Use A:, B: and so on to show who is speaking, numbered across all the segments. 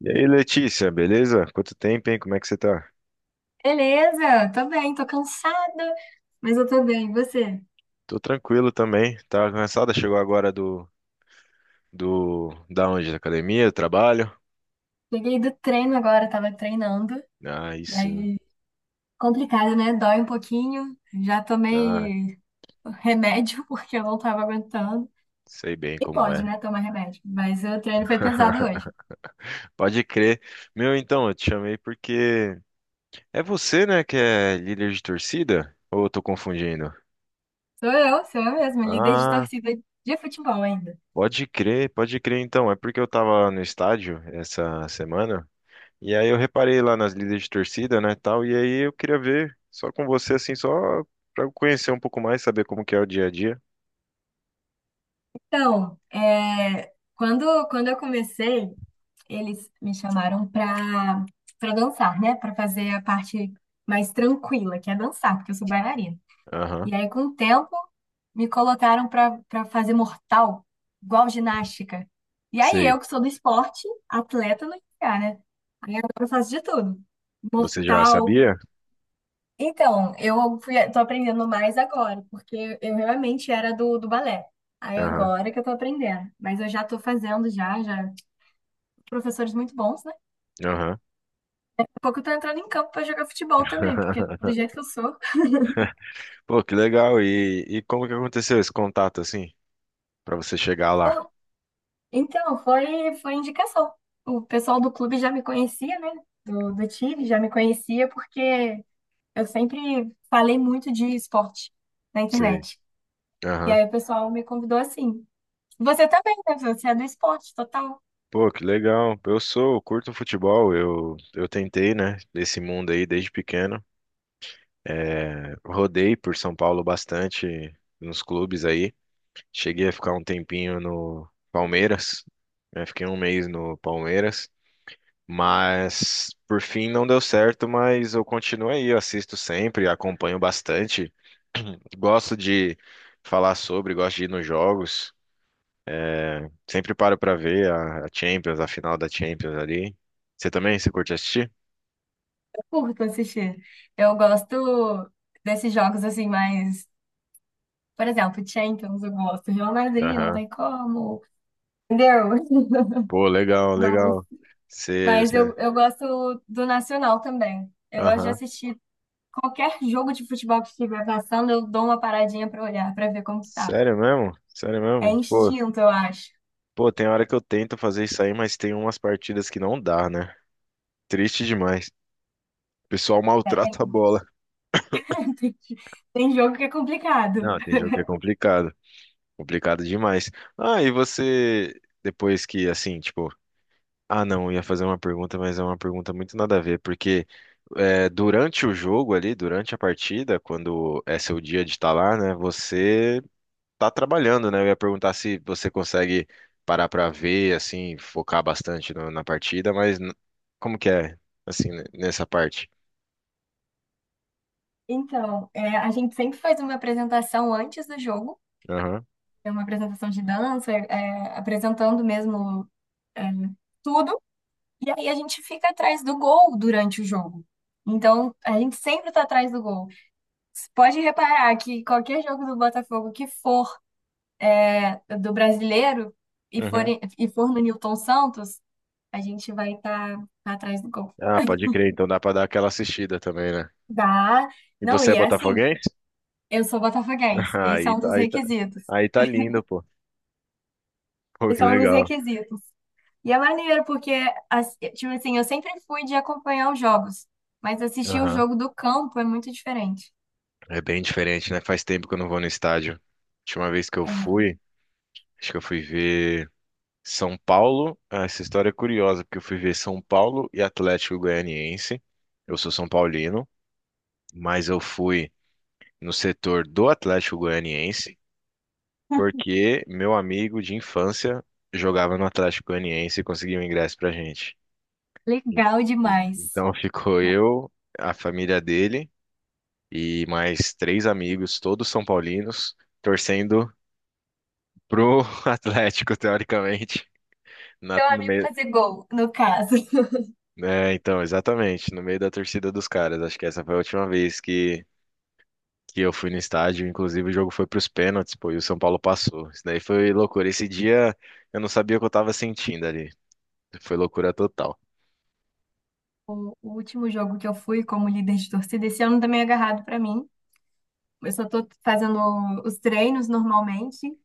A: E aí, Letícia, beleza? Quanto tempo, hein? Como é que você tá?
B: Beleza, tô bem, tô cansada, mas eu tô bem. E você?
A: Tô tranquilo também. Tava cansada, chegou agora da onde? Da academia, do trabalho?
B: Cheguei do treino agora, tava treinando.
A: Ah, aí
B: E
A: sim.
B: aí, complicado, né? Dói um pouquinho. Já
A: Ah,
B: tomei remédio porque eu não tava aguentando.
A: sei bem
B: E
A: como
B: pode,
A: é.
B: né? Tomar remédio. Mas o treino foi pesado hoje.
A: Pode crer. Meu, então, eu te chamei porque é você, né, que é líder de torcida? Ou eu tô confundindo?
B: Sou eu mesma, líder de
A: Ah,
B: torcida de futebol ainda.
A: pode crer então. É porque eu tava no estádio essa semana. E aí eu reparei lá nas líderes de torcida, né, tal, e aí eu queria ver só com você, assim, só pra eu conhecer um pouco mais, saber como que é o dia a dia.
B: Então, quando eu comecei. Eles me chamaram pra dançar, né? Pra fazer a parte mais tranquila, que é dançar, porque eu sou bailarina.
A: Aham,
B: E aí, com o tempo, me colocaram pra fazer mortal, igual ginástica. E aí, eu
A: sei.
B: que sou do esporte, atleta não ia, né? Aí agora eu faço de tudo.
A: Você já
B: Mortal.
A: sabia?
B: Então, eu fui, tô aprendendo mais agora, porque eu realmente era do balé. Aí
A: Aham,
B: agora que eu tô aprendendo. Mas eu já tô fazendo já, já. Professores muito bons, né?
A: aham.
B: Pouco eu tô entrando em campo pra jogar futebol também, porque do jeito que eu sou.
A: Pô, que legal. E como que aconteceu esse contato, assim, pra você chegar lá?
B: Bom, então, foi indicação. O pessoal do clube já me conhecia, né? Do time já me conhecia, porque eu sempre falei muito de esporte na
A: Sei.
B: internet. E
A: Aham.
B: aí o pessoal me convidou assim. Você também, né? Você é do esporte total.
A: Pô, que legal. Eu sou, eu curto futebol, eu tentei, né, esse mundo aí desde pequeno. É, rodei por São Paulo bastante nos clubes aí. Cheguei a ficar um tempinho no Palmeiras, né? Fiquei um mês no Palmeiras, mas por fim não deu certo, mas eu continuo aí, eu assisto sempre, acompanho bastante, gosto de falar sobre, gosto de ir nos jogos, sempre paro pra ver a Champions, a final da Champions ali. Você também, você curte assistir?
B: Eu curto assistir. Eu gosto desses jogos assim, mais. Por exemplo, Champions, eu gosto. Real Madrid, não
A: Aham.
B: tem como. Entendeu?
A: Pô, legal,
B: Mas
A: legal. Você,
B: Mas
A: você...
B: eu gosto do Nacional também. Eu gosto de
A: Aham.
B: assistir qualquer jogo de futebol que estiver passando, eu dou uma paradinha pra olhar, pra ver como que tá.
A: Sério mesmo? Sério
B: É
A: mesmo? Pô,
B: instinto, eu acho.
A: pô, tem hora que eu tento fazer isso aí, mas tem umas partidas que não dá, né? Triste demais. O pessoal
B: É, tem,
A: maltrata a bola.
B: tem, tem jogo que é complicado.
A: Não, tem jogo que é complicado. Complicado demais. Ah, e você, depois que, assim, tipo, ah, não, eu ia fazer uma pergunta, mas é uma pergunta muito nada a ver, porque é, durante o jogo ali, durante a partida, quando é seu dia de estar lá, né, você tá trabalhando, né? Eu ia perguntar se você consegue parar pra ver, assim, focar bastante na partida, mas como que é, assim, né, nessa parte?
B: Então, a gente sempre faz uma apresentação antes do jogo,
A: Aham.
B: é uma apresentação de dança, apresentando mesmo é, tudo, e aí a gente fica atrás do gol durante o jogo. Então, a gente sempre está atrás do gol. Pode reparar que qualquer jogo do Botafogo que for do brasileiro e for no Nilton Santos, a gente vai estar atrás do gol.
A: Ah, pode crer, então dá pra dar aquela assistida também, né?
B: Dá.
A: E
B: Não,
A: você
B: e
A: é
B: é assim,
A: botafoguense?
B: eu sou botafoguense. Esse é
A: Aí,
B: um
A: tá-
B: dos
A: aí, tá-
B: requisitos.
A: aí tá lindo, pô. Pô, que
B: Esse é um dos
A: legal.
B: requisitos. E é maneiro, porque, as- tipo assim, eu sempre fui de acompanhar os jogos, mas assistir o
A: Aham.
B: jogo do campo é muito diferente.
A: É bem diferente, né? Faz tempo que eu não vou no estádio. Última vez que eu
B: É
A: fui, acho que eu fui ver São Paulo. Ah, essa história é curiosa, porque eu fui ver São Paulo e Atlético Goianiense. Eu sou São Paulino, mas eu fui no setor do Atlético Goianiense, porque meu amigo de infância jogava no Atlético Goianiense e conseguiu um ingresso pra gente. En-
B: legal demais.
A: Então ficou eu, a família dele e mais três amigos, todos são paulinos, torcendo pro Atlético, teoricamente.
B: Seu
A: No
B: amigo
A: meio,
B: fazer gol, no caso.
A: é, então, exatamente, no meio da torcida dos caras. Acho que essa foi a última vez que eu fui no estádio. Inclusive, o jogo foi pros pênaltis, pô, e o São Paulo passou. Isso daí foi loucura. Esse dia eu não sabia o que eu tava sentindo ali. Foi loucura total.
B: O último jogo que eu fui como líder de torcida, esse ano também é agarrado para mim. Eu só tô fazendo os treinos normalmente,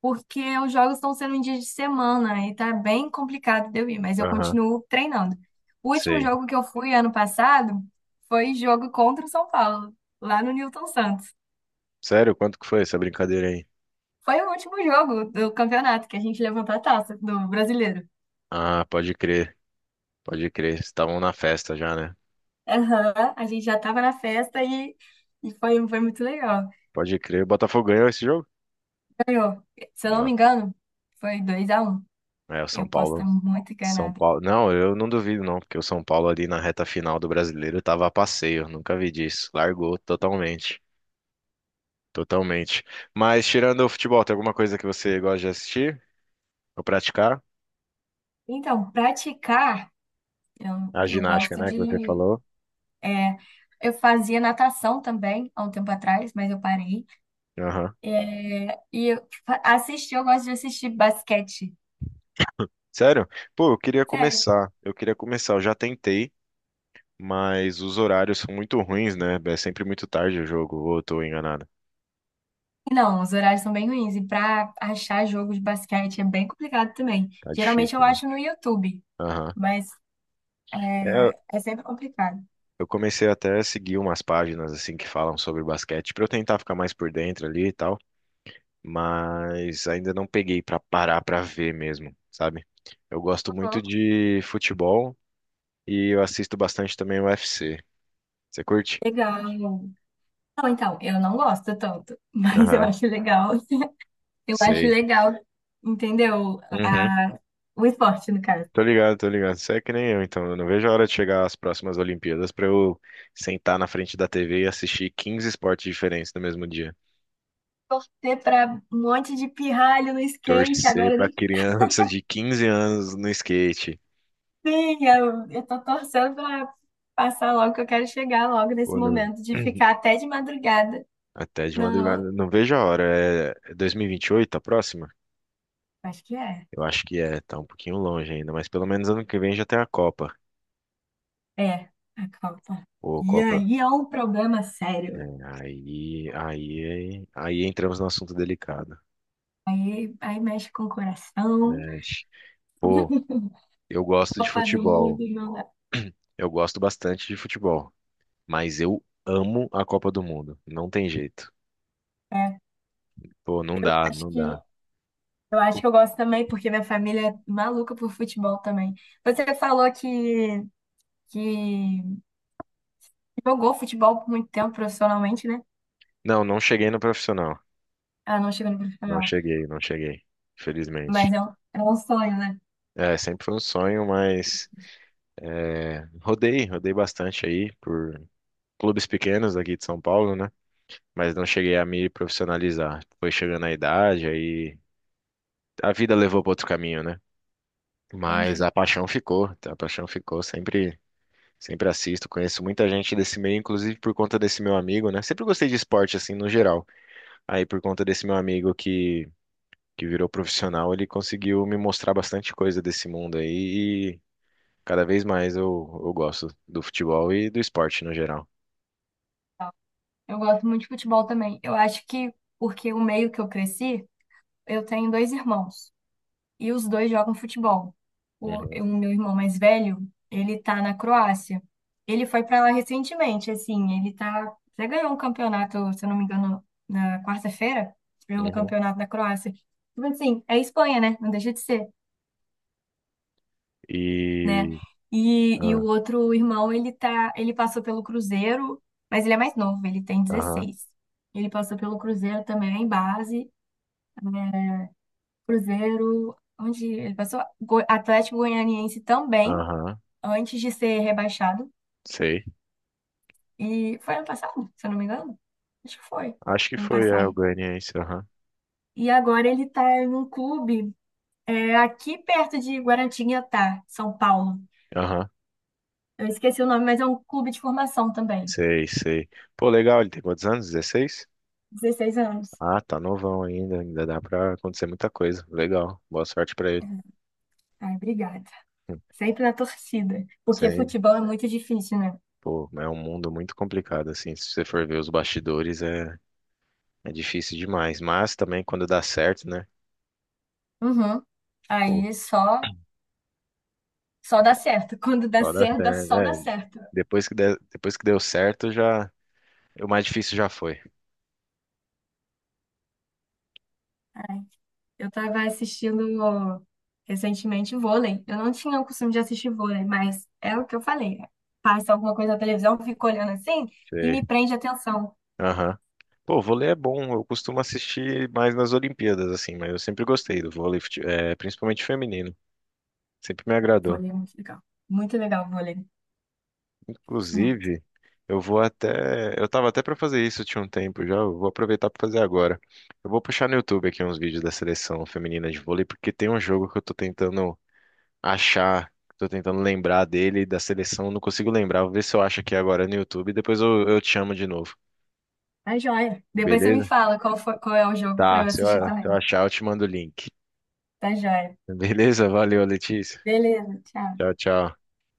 B: porque os jogos estão sendo em dia de semana e tá bem complicado de eu ir, mas eu
A: Aham,
B: continuo treinando. O último
A: sei.
B: jogo que eu fui ano passado foi jogo contra o São Paulo, lá no Newton Santos.
A: Sério? Quanto que foi essa brincadeira aí?
B: Foi o último jogo do campeonato que a gente levantou a taça do brasileiro.
A: Ah, pode crer, pode crer. Vocês estavam na festa já, né?
B: Aham, a gente já tava na festa e, foi muito legal.
A: Pode crer. O Botafogo ganhou esse jogo?
B: Ganhou, se eu não
A: Não.
B: me engano, foi dois a um.
A: É, o São
B: Eu posso estar
A: Paulo.
B: muito
A: São
B: enganada.
A: Paulo. Não, eu não duvido, não, porque o São Paulo ali na reta final do Brasileiro tava a passeio. Nunca vi disso. Largou totalmente. Totalmente. Mas tirando o futebol, tem alguma coisa que você gosta de assistir? Ou praticar?
B: Então, praticar,
A: A
B: eu
A: ginástica,
B: gosto
A: né, que você
B: de.
A: falou.
B: É, eu fazia natação também há um tempo atrás, mas eu parei.
A: Aham.
B: Assistir, eu gosto de assistir basquete.
A: Sério? Pô, eu queria
B: Sério.
A: começar. Eu queria começar. Eu já tentei. Mas os horários são muito ruins, né? É sempre muito tarde o jogo, ou eu tô enganado.
B: Não, os horários são bem ruins. E para achar jogo de basquete é bem complicado também.
A: Tá
B: Geralmente
A: difícil,
B: eu
A: né?
B: acho no YouTube,
A: Aham.
B: mas
A: É,
B: é sempre complicado.
A: eu comecei até a seguir umas páginas assim que falam sobre basquete pra eu tentar ficar mais por dentro ali e tal, mas ainda não peguei pra parar pra ver mesmo, sabe? Eu gosto
B: Uhum.
A: muito de futebol e eu assisto bastante também o UFC. Você curte?
B: Legal. Não, então, eu não gosto tanto, mas eu
A: Aham,
B: acho legal. Eu acho
A: sei.
B: legal, entendeu?
A: Uhum.
B: O esporte, no caso.
A: Tô ligado, tô ligado. Você é que nem eu, então. Eu não vejo a hora de chegar às próximas Olimpíadas pra eu sentar na frente da TV e assistir 15 esportes diferentes no mesmo dia.
B: Ter pra um monte de pirralho no skate,
A: Torcer
B: agora
A: pra
B: nem
A: criança de 15 anos no skate.
B: tem. Eu tô torcendo pra passar logo, que eu quero chegar logo nesse
A: Ou no...
B: momento de ficar até de madrugada.
A: Até de
B: Não,
A: madrugada. Não vejo a hora. É 2028 a próxima?
B: acho que é.
A: Eu acho que é. Tá um pouquinho longe ainda, mas pelo menos ano que vem já tem a Copa.
B: É, a Copa.
A: Ô,
B: E
A: Copa.
B: aí é um problema sério.
A: Aí entramos no assunto delicado.
B: Aí, aí mexe com o coração.
A: Né? Pô, eu gosto de
B: Copa do
A: futebol.
B: Mundo não dá.
A: Eu gosto bastante de futebol, mas eu amo a Copa do Mundo. Não tem jeito.
B: É,
A: Pô, não dá,
B: acho
A: não
B: que
A: dá.
B: Acho que eu gosto também, porque minha família é maluca por futebol também. Você falou que jogou futebol por muito tempo profissionalmente, né?
A: Não, não cheguei no profissional.
B: Ah, não chegou no
A: Não
B: profissional.
A: cheguei, não cheguei.
B: Mas
A: Felizmente.
B: é um sonho, né?
A: É, sempre foi um sonho, mas é, rodei bastante aí por clubes pequenos aqui de São Paulo, né? Mas não cheguei a me profissionalizar. Foi chegando a idade, aí a vida levou para outro caminho, né? Mas
B: Entendi.
A: a paixão ficou sempre. Sempre assisto, conheço muita gente desse meio, inclusive por conta desse meu amigo, né? Sempre gostei de esporte, assim, no geral. Aí, por conta desse meu amigo que virou profissional, ele conseguiu me mostrar bastante coisa desse mundo aí. E cada vez mais eu gosto do futebol e do esporte no geral.
B: Eu gosto muito de futebol também. Eu acho que porque o meio que eu cresci, eu tenho dois irmãos. E os dois jogam futebol. O,
A: Uhum,
B: o meu irmão mais velho, ele tá na Croácia. Ele foi para lá recentemente, assim, ele tá, já ganhou um campeonato, se eu não me engano, na quarta-feira, ganhou um
A: uhum.
B: campeonato na Croácia. Tipo assim, é Espanha, né? Não deixa de ser, né?
A: E.
B: E o
A: Ah,
B: outro irmão, ele tá, ele passou pelo Cruzeiro, mas ele é mais novo, ele tem
A: aham,
B: 16. Ele passou pelo Cruzeiro também em base, Cruzeiro, onde ele passou, Go- Atlético Goianiense também
A: aham,
B: antes de ser rebaixado.
A: sei.
B: E foi ano passado, se eu não me engano? Acho que foi
A: Acho que
B: ano
A: foi é, o
B: passado.
A: Goianiense, aham,
B: E agora ele tá em um clube aqui perto de Guaratinguetá, São Paulo.
A: aham,
B: Eu esqueci o nome, mas é um clube de formação também.
A: sei, sei. Pô, legal, ele tem quantos anos? 16?
B: 16 anos.
A: Ah, tá novão ainda, ainda dá pra acontecer muita coisa. Legal, boa sorte pra ele.
B: Ai, obrigada. Sempre na torcida. Porque
A: Sim,
B: futebol é muito difícil, né?
A: pô, é um mundo muito complicado, assim, se você for ver os bastidores é, é difícil demais, mas também quando dá certo, né,
B: Uhum.
A: pô,
B: Aí só, só dá certo. Quando dá
A: só dá
B: certo, dá-
A: certo,
B: só dá
A: né,
B: certo.
A: depois que deu certo já, o mais difícil já foi.
B: Ai, eu estava assistindo recentemente vôlei. Eu não tinha o costume de assistir vôlei, mas é o que eu falei. Passa alguma coisa na televisão, eu fico olhando assim e
A: Sei,
B: me prende a atenção.
A: aham. Pô, vôlei é bom, eu costumo assistir mais nas Olimpíadas, assim, mas eu sempre gostei do vôlei, é, principalmente feminino, sempre me agradou.
B: Vôlei é muito legal. Muito legal, vôlei. Gosto muito.
A: Inclusive, eu vou até. Eu tava até pra fazer isso tinha um tempo já. Eu vou aproveitar pra fazer agora. Eu vou puxar no YouTube aqui uns vídeos da seleção feminina de vôlei, porque tem um jogo que eu tô tentando achar, tô tentando lembrar dele, da seleção, não consigo lembrar. Vou ver se eu acho aqui agora no YouTube e depois eu te chamo de novo.
B: Tá joia. Depois você me
A: Beleza?
B: fala qual foi- qual é o jogo para
A: Tá,
B: eu
A: se eu,
B: assistir
A: se
B: também.
A: eu achar, eu te mando o link.
B: Tá joia.
A: Beleza? Valeu, Letícia.
B: Beleza, tchau.
A: Tchau, tchau.